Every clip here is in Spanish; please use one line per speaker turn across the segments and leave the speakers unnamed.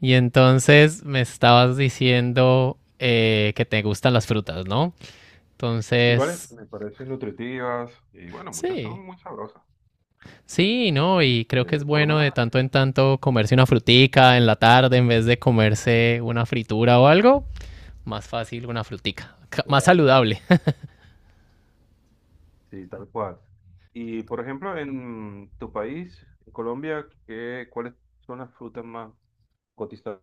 Y entonces me estabas diciendo que te gustan las frutas, ¿no?
Sí, vale,
Entonces,
me parecen nutritivas y bueno, muchas
sí,
son muy sabrosas,
sí, ¿no? Y creo que es
por lo
bueno
menos.
de tanto en tanto comerse una frutica en la tarde en vez de comerse una fritura o algo. Más fácil una frutica, más
Claro.
saludable.
Sí, tal cual. Y por ejemplo, en tu país, en Colombia, ¿qué, cuáles son las frutas más cotizadas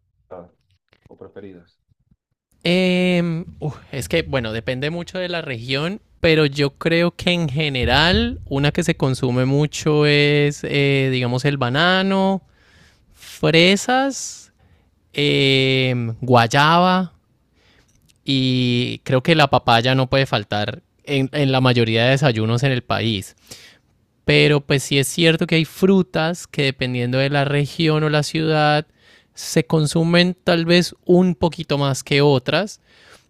o preferidas?
Es que, bueno, depende mucho de la región, pero yo creo que en general una que se consume mucho es, digamos, el banano, fresas guayaba y creo que la papaya no puede faltar en la mayoría de desayunos en el país. Pero pues sí es cierto que hay frutas que dependiendo de la región o la ciudad se consumen tal vez un poquito más que otras.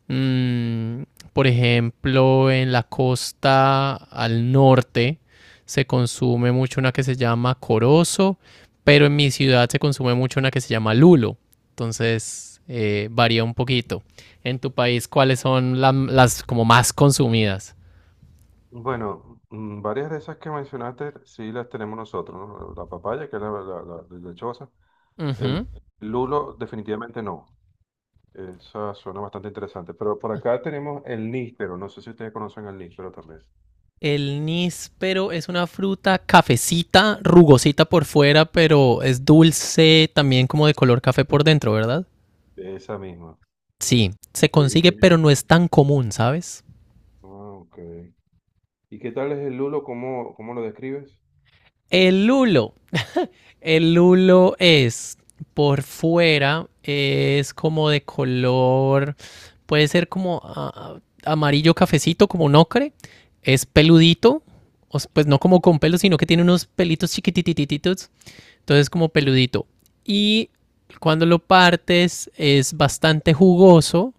Mm, por ejemplo, en la costa al norte se consume mucho una que se llama corozo, pero en mi ciudad se consume mucho una que se llama lulo. Entonces, varía un poquito. En tu país, ¿cuáles son las como más consumidas?
Bueno, varias de esas que mencionaste sí las tenemos nosotros, ¿no? La papaya, que es la lechosa. El
Ujú.
lulo, definitivamente no. Esa suena bastante interesante. Pero por acá tenemos el níspero. No sé si ustedes conocen el níspero también.
El níspero es una fruta cafecita, rugosita por fuera, pero es dulce, también como de color café por dentro, ¿verdad?
Esa misma.
Sí, se
Y
consigue, pero
tiene...
no es tan común, ¿sabes?
Ah, ok. ¿Y qué tal es el lulo? ¿Cómo lo describes?
El lulo. El lulo es por fuera, es como de color, puede ser como ah, amarillo cafecito, como un ocre. Es peludito, pues no como con pelos, sino que tiene unos pelitos chiquititititos. Entonces como peludito. Y cuando lo partes es bastante jugoso,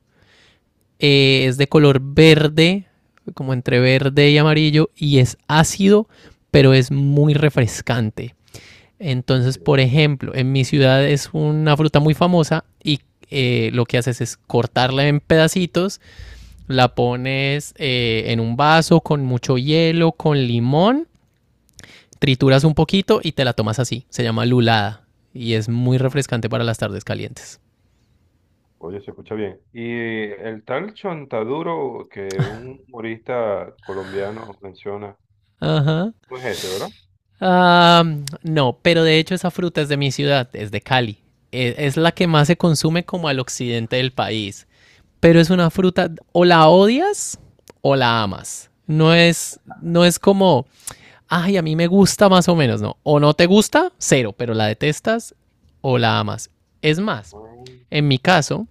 es de color verde, como entre verde y amarillo, y es ácido, pero es muy refrescante. Entonces, por
Mentira.
ejemplo, en mi ciudad es una fruta muy famosa y lo que haces es cortarla en pedacitos, la pones en un vaso con mucho hielo, con limón, trituras un poquito y te la tomas así. Se llama lulada y es muy
Mm.
refrescante para las tardes calientes.
Oye, se escucha bien. Y el tal Chontaduro que un humorista colombiano menciona,
Ajá.
no es ese, ¿verdad?
Ah, no, pero de hecho esa fruta es de mi ciudad, es de Cali. Es la que más se consume como al occidente del país. Pero es una fruta, o la odias o la amas. No es como, ay, a mí me gusta más o menos, no. O no te gusta, cero, pero la detestas o la amas. Es más,
Mm,
en mi caso,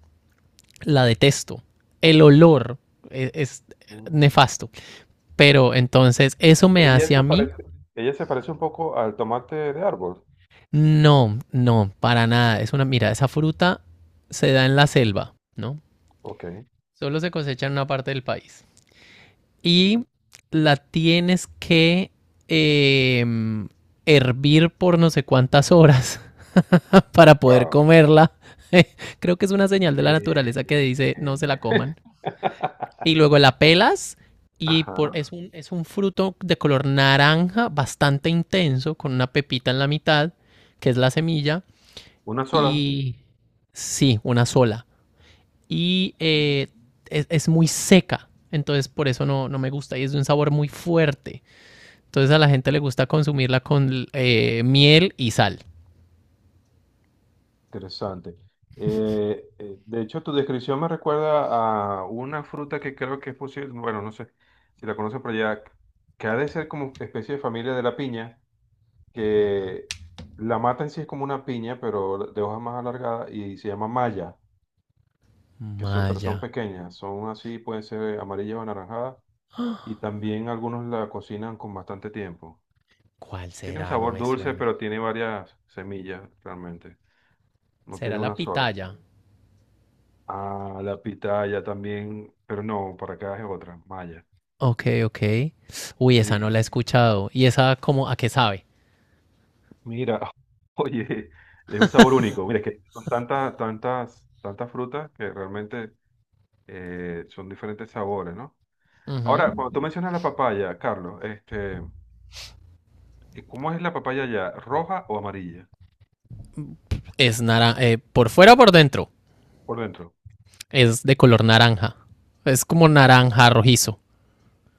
la detesto. El olor es
mm.
nefasto. Pero entonces, eso me
Ella
hace a
se
mí.
parece, ella se parece un poco al tomate de árbol.
No, no, para nada. Mira, esa fruta se da en la selva, ¿no?
Ok.
Solo se cosecha en una parte del país.
Mm,
Y la tienes que eh, hervir por no sé cuántas horas para poder
Wow.
comerla. Creo que es una señal de la
Eh,
naturaleza que dice
eh,
no se la coman. Y luego la pelas
Ajá.
es un fruto de color naranja bastante intenso con una pepita en la mitad, que es la semilla.
Una sola.
Y sí, una sola. Y es muy seca. Entonces por eso no, no me gusta y es de un sabor muy fuerte. Entonces a la gente le gusta consumirla con miel y sal.
Interesante. De hecho, tu descripción me recuerda a una fruta que creo que es posible, bueno, no sé si la conocen por allá, que ha de ser como especie de familia de la piña, que la mata en sí es como una piña, pero de hojas más alargadas y se llama malla, que son, pero son
Maya.
pequeñas, son así, pueden ser amarillas o anaranjadas, y también algunos la cocinan con bastante tiempo.
¿Cuál
Tiene un
será? No
sabor
me
dulce,
suena.
pero tiene varias semillas realmente, no
¿Será
tiene una
la
sola.
pitaya?
Ah, la pitaya también, pero no, para acá es otra, maya.
Ok, ok. Uy, esa no la
Sí,
he escuchado. ¿Y esa como a qué sabe?
mira, oye, es un sabor único. Mira, es que son tantas, tantas, tantas frutas que realmente son diferentes sabores, ¿no?
Ujú.
Ahora, cuando tú mencionas la papaya, Carlos, este, ¿cómo es la papaya ya? ¿Roja o amarilla?
Es naranja. Por fuera o por dentro.
Por dentro,
Es de color naranja. Es como naranja rojizo.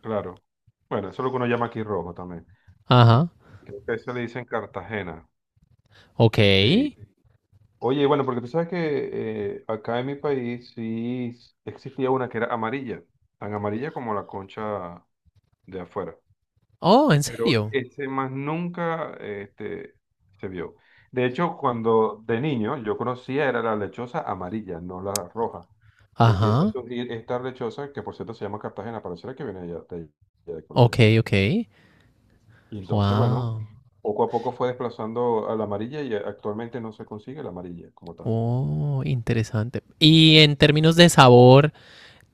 claro. Bueno, eso es lo que uno llama aquí rojo también. Y
Ajá.
creo que eso le dicen Cartagena.
Ok.
Sí, oye, bueno, porque tú sabes que acá en mi país sí s- existía una que era amarilla, tan amarilla como la concha de afuera,
Oh, ¿en
pero
serio?
ese más nunca se vio. De hecho, cuando de niño yo conocía era la lechosa amarilla, no la roja. Empieza a
Ajá.
surgir esta lechosa, que por cierto se llama Cartagena, pareciera que viene de allá de, allá de Colombia.
Ok, ok.
Y entonces, bueno,
Wow.
poco a poco fue desplazando a la amarilla y actualmente no se consigue la amarilla como tal.
Oh, interesante. Y en términos de sabor,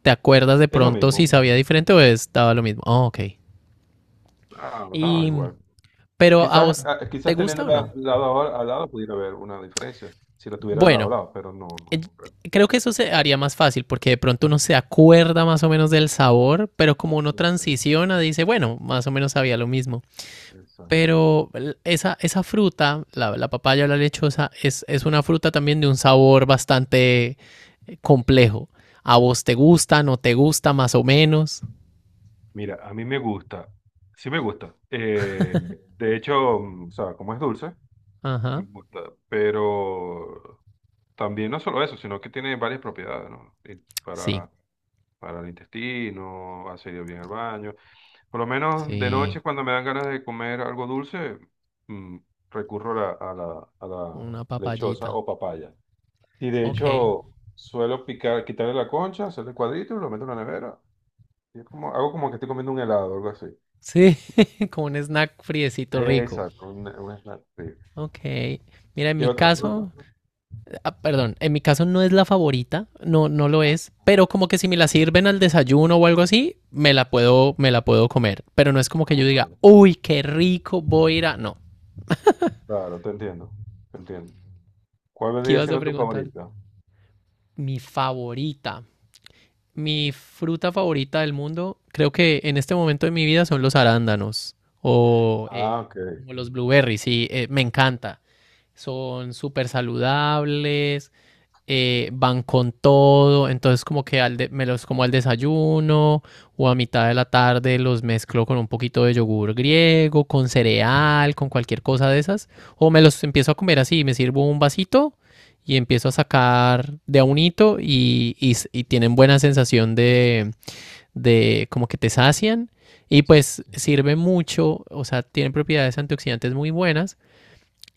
¿te acuerdas de
Es lo
pronto si
mismo.
sabía diferente o estaba lo mismo? Oh, ok.
Ah, da
Y,
igual.
pero a
Quizás,
vos,
ah,
¿te
quizás
gusta o
teniéndola
no?
lado a al lado pudiera haber una diferencia si lo tuviera lado a
Bueno,
lado, pero no,
eh,
no creo.
creo que eso se haría más fácil porque de pronto uno se acuerda más o menos del sabor, pero como uno
No sé,
transiciona, dice, bueno, más o menos sabía lo mismo.
exacto.
Pero esa fruta, la papaya o la lechosa, es una fruta también de un sabor bastante complejo. ¿A vos te gusta, no te gusta, más o menos?
Mira, a mí me gusta, sí me gusta. De hecho, o sea, como es dulce, me
Ajá,
gusta, pero también no solo eso, sino que tiene varias propiedades, ¿no? Y
sí,
para para el intestino, hace ir bien al baño. Por lo menos de
sí,
noche, cuando me dan ganas de comer algo dulce, mm, recurro a la
una
lechosa
papayita.
o papaya. Y de
Ok,
hecho, suelo picar, quitarle la concha, hacerle cuadritos, y lo meto en la nevera. Y es como, hago como que estoy comiendo un helado, algo así.
sí, como un snack friecito rico.
Exacto, un snack. Sí.
Ok, mira, en
¿Qué
mi
otra
caso,
fruta?
ah, perdón, en mi caso no es la favorita, no, no lo
Ah,
es, pero como que si me la sirven al desayuno o algo así, me la puedo comer, pero no es como que yo diga,
claro.
uy, qué rico, voy a ir a... No,
Claro, te entiendo, te entiendo. ¿Cuál
¿qué
vendría
ibas a
siendo tu
preguntar?
favorita?
Mi favorita, mi fruta favorita del mundo, creo que en este momento de mi vida son los arándanos o
Ah, ok,
como los blueberries, sí, me encanta. Son súper saludables, van con todo, entonces como que me los como al desayuno o a mitad de la tarde los mezclo con un poquito de yogur griego, con cereal, con cualquier cosa de esas, o me los empiezo a comer así, me sirvo un vasito y empiezo a sacar de a unito y tienen buena sensación de como que te sacian y
sí.
pues sirve mucho, o sea, tienen propiedades antioxidantes muy buenas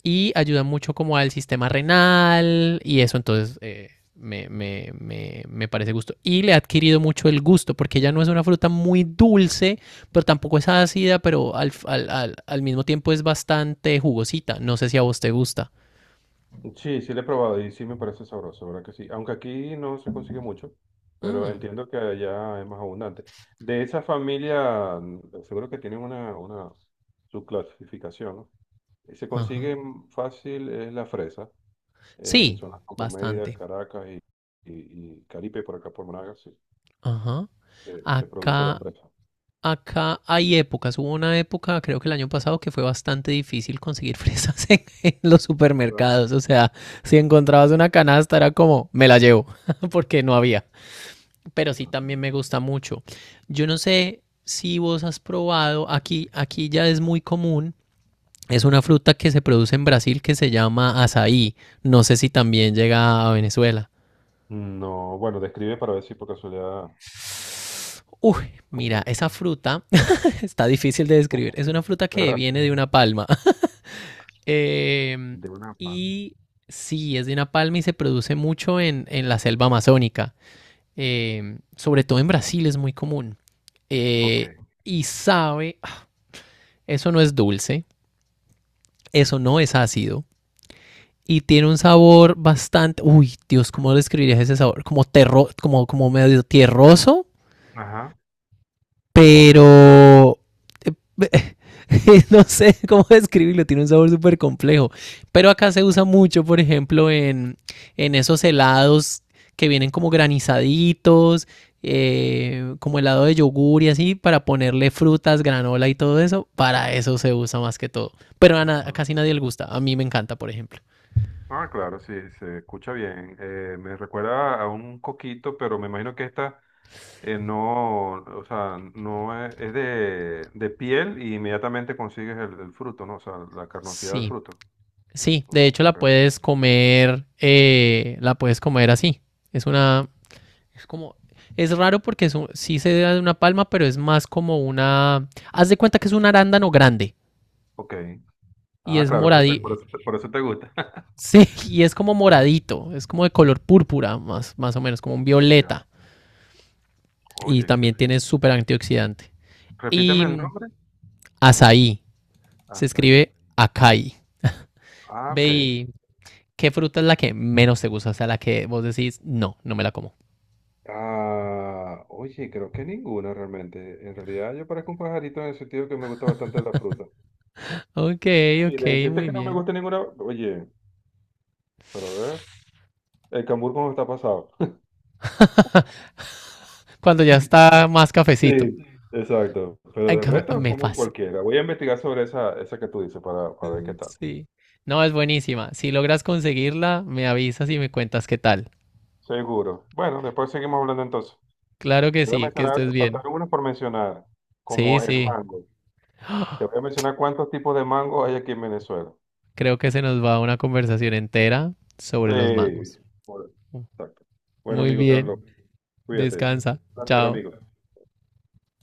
y ayuda mucho como al sistema renal y eso, entonces me parece gusto. Y le ha adquirido mucho el gusto, porque ella no es una fruta muy dulce, pero tampoco es ácida, pero al mismo tiempo es bastante jugosita. No sé si a vos te gusta.
Sí, sí lo he probado y sí me parece sabroso, ¿verdad que sí? Aunque aquí no se consigue mucho, pero
Mm,
entiendo que allá es más abundante. De esa familia, seguro que tienen una subclasificación, ¿no? Y se
ajá.
consigue fácil es la fresa, en
Sí,
zonas como Mérida,
bastante.
Caracas y, y Caripe, por acá por Monagas, sí,
Ajá.
se produce la
Acá
fresa.
Acá hay épocas. Hubo una época, creo que el año pasado, que fue bastante difícil conseguir fresas en los
¿Verdad?
supermercados. O sea, si encontrabas una canasta era como, me la llevo, porque no había. Pero sí
Ah.
también me gusta mucho. Yo no sé si vos has probado, aquí ya es muy común. Es una fruta que se produce en Brasil que se llama azaí. No sé si también llega a Venezuela.
No, bueno, describe para ver si por casualidad,
Uy,
como
mira,
es,
esa fruta está difícil de describir. Es una fruta que
¿verdad?
viene de una palma. Eh,
De una pan.
y sí, es de una palma y se produce mucho en la selva amazónica. Sobre todo en Brasil es muy común.
Ok.
Eh, y sabe, eso no es dulce, eso no es ácido. Y tiene un sabor bastante, uy, Dios, ¿cómo describirías ese sabor? Como, como medio tierroso,
Ajá.
pero eh, no sé cómo describirlo, tiene un sabor súper complejo. Pero acá se usa mucho, por ejemplo, en esos helados que vienen como granizaditos, como helado de yogur y así, para ponerle frutas, granola y todo eso. Para eso se usa más que todo. Pero a casi nadie le gusta. A mí me encanta, por ejemplo.
Ah, claro, sí, se escucha bien. Me recuerda a un coquito, pero me imagino que esta no, o sea, no es, es de piel y inmediatamente consigues el fruto, ¿no? O sea, la carnosidad del
Sí,
fruto.
sí. De hecho,
Ok,
la puedes comer así. Es una, Es como, es raro porque sí se da de una palma, pero es más como una, haz de cuenta que es un arándano grande
ok.
y
Ah,
es
claro,
moradito,
por eso te gusta.
sí, y es como moradito, es como de color púrpura, más, más o menos, como un
Ya,
violeta y
oye,
también
excelente.
tiene súper antioxidante.
Repíteme el
Y
nombre.
azaí, se
Azaí.
escribe acai.
Ah,
Ve
ok.
y, ¿qué fruta es la que menos te gusta? O sea, la que vos decís, no, no me la como.
Ah, oye, creo que ninguna realmente. En realidad yo parezco un pajarito en el sentido que me gusta bastante la fruta.
Ok,
Sí,
ok,
le deciste
muy
que no me
bien.
gusta ninguna. Oye, pero a ver, el cambur cómo está pasado.
Cuando ya está más cafecito.
Sí, exacto. Pero el resto,
Me
como
pasa.
cualquiera. Voy a investigar sobre esa, esa que tú dices para ver qué
Mm,
tal.
sí. No, es buenísima. Si logras conseguirla, me avisas y me cuentas qué tal.
Seguro. Bueno, después seguimos hablando entonces.
Claro que
Te voy a
sí, que
mencionar,
estés bien.
faltaron unos por mencionar,
Sí,
como el
sí.
mango. Te voy a mencionar cuántos tipos de mango hay aquí en Venezuela.
Creo que se nos va una conversación entera sobre los
Sí,
mangos.
por- exacto. Bueno,
Muy
amigo Carlos,
bien.
cuídate.
Descansa.
Un placer,
Chao.
amigo.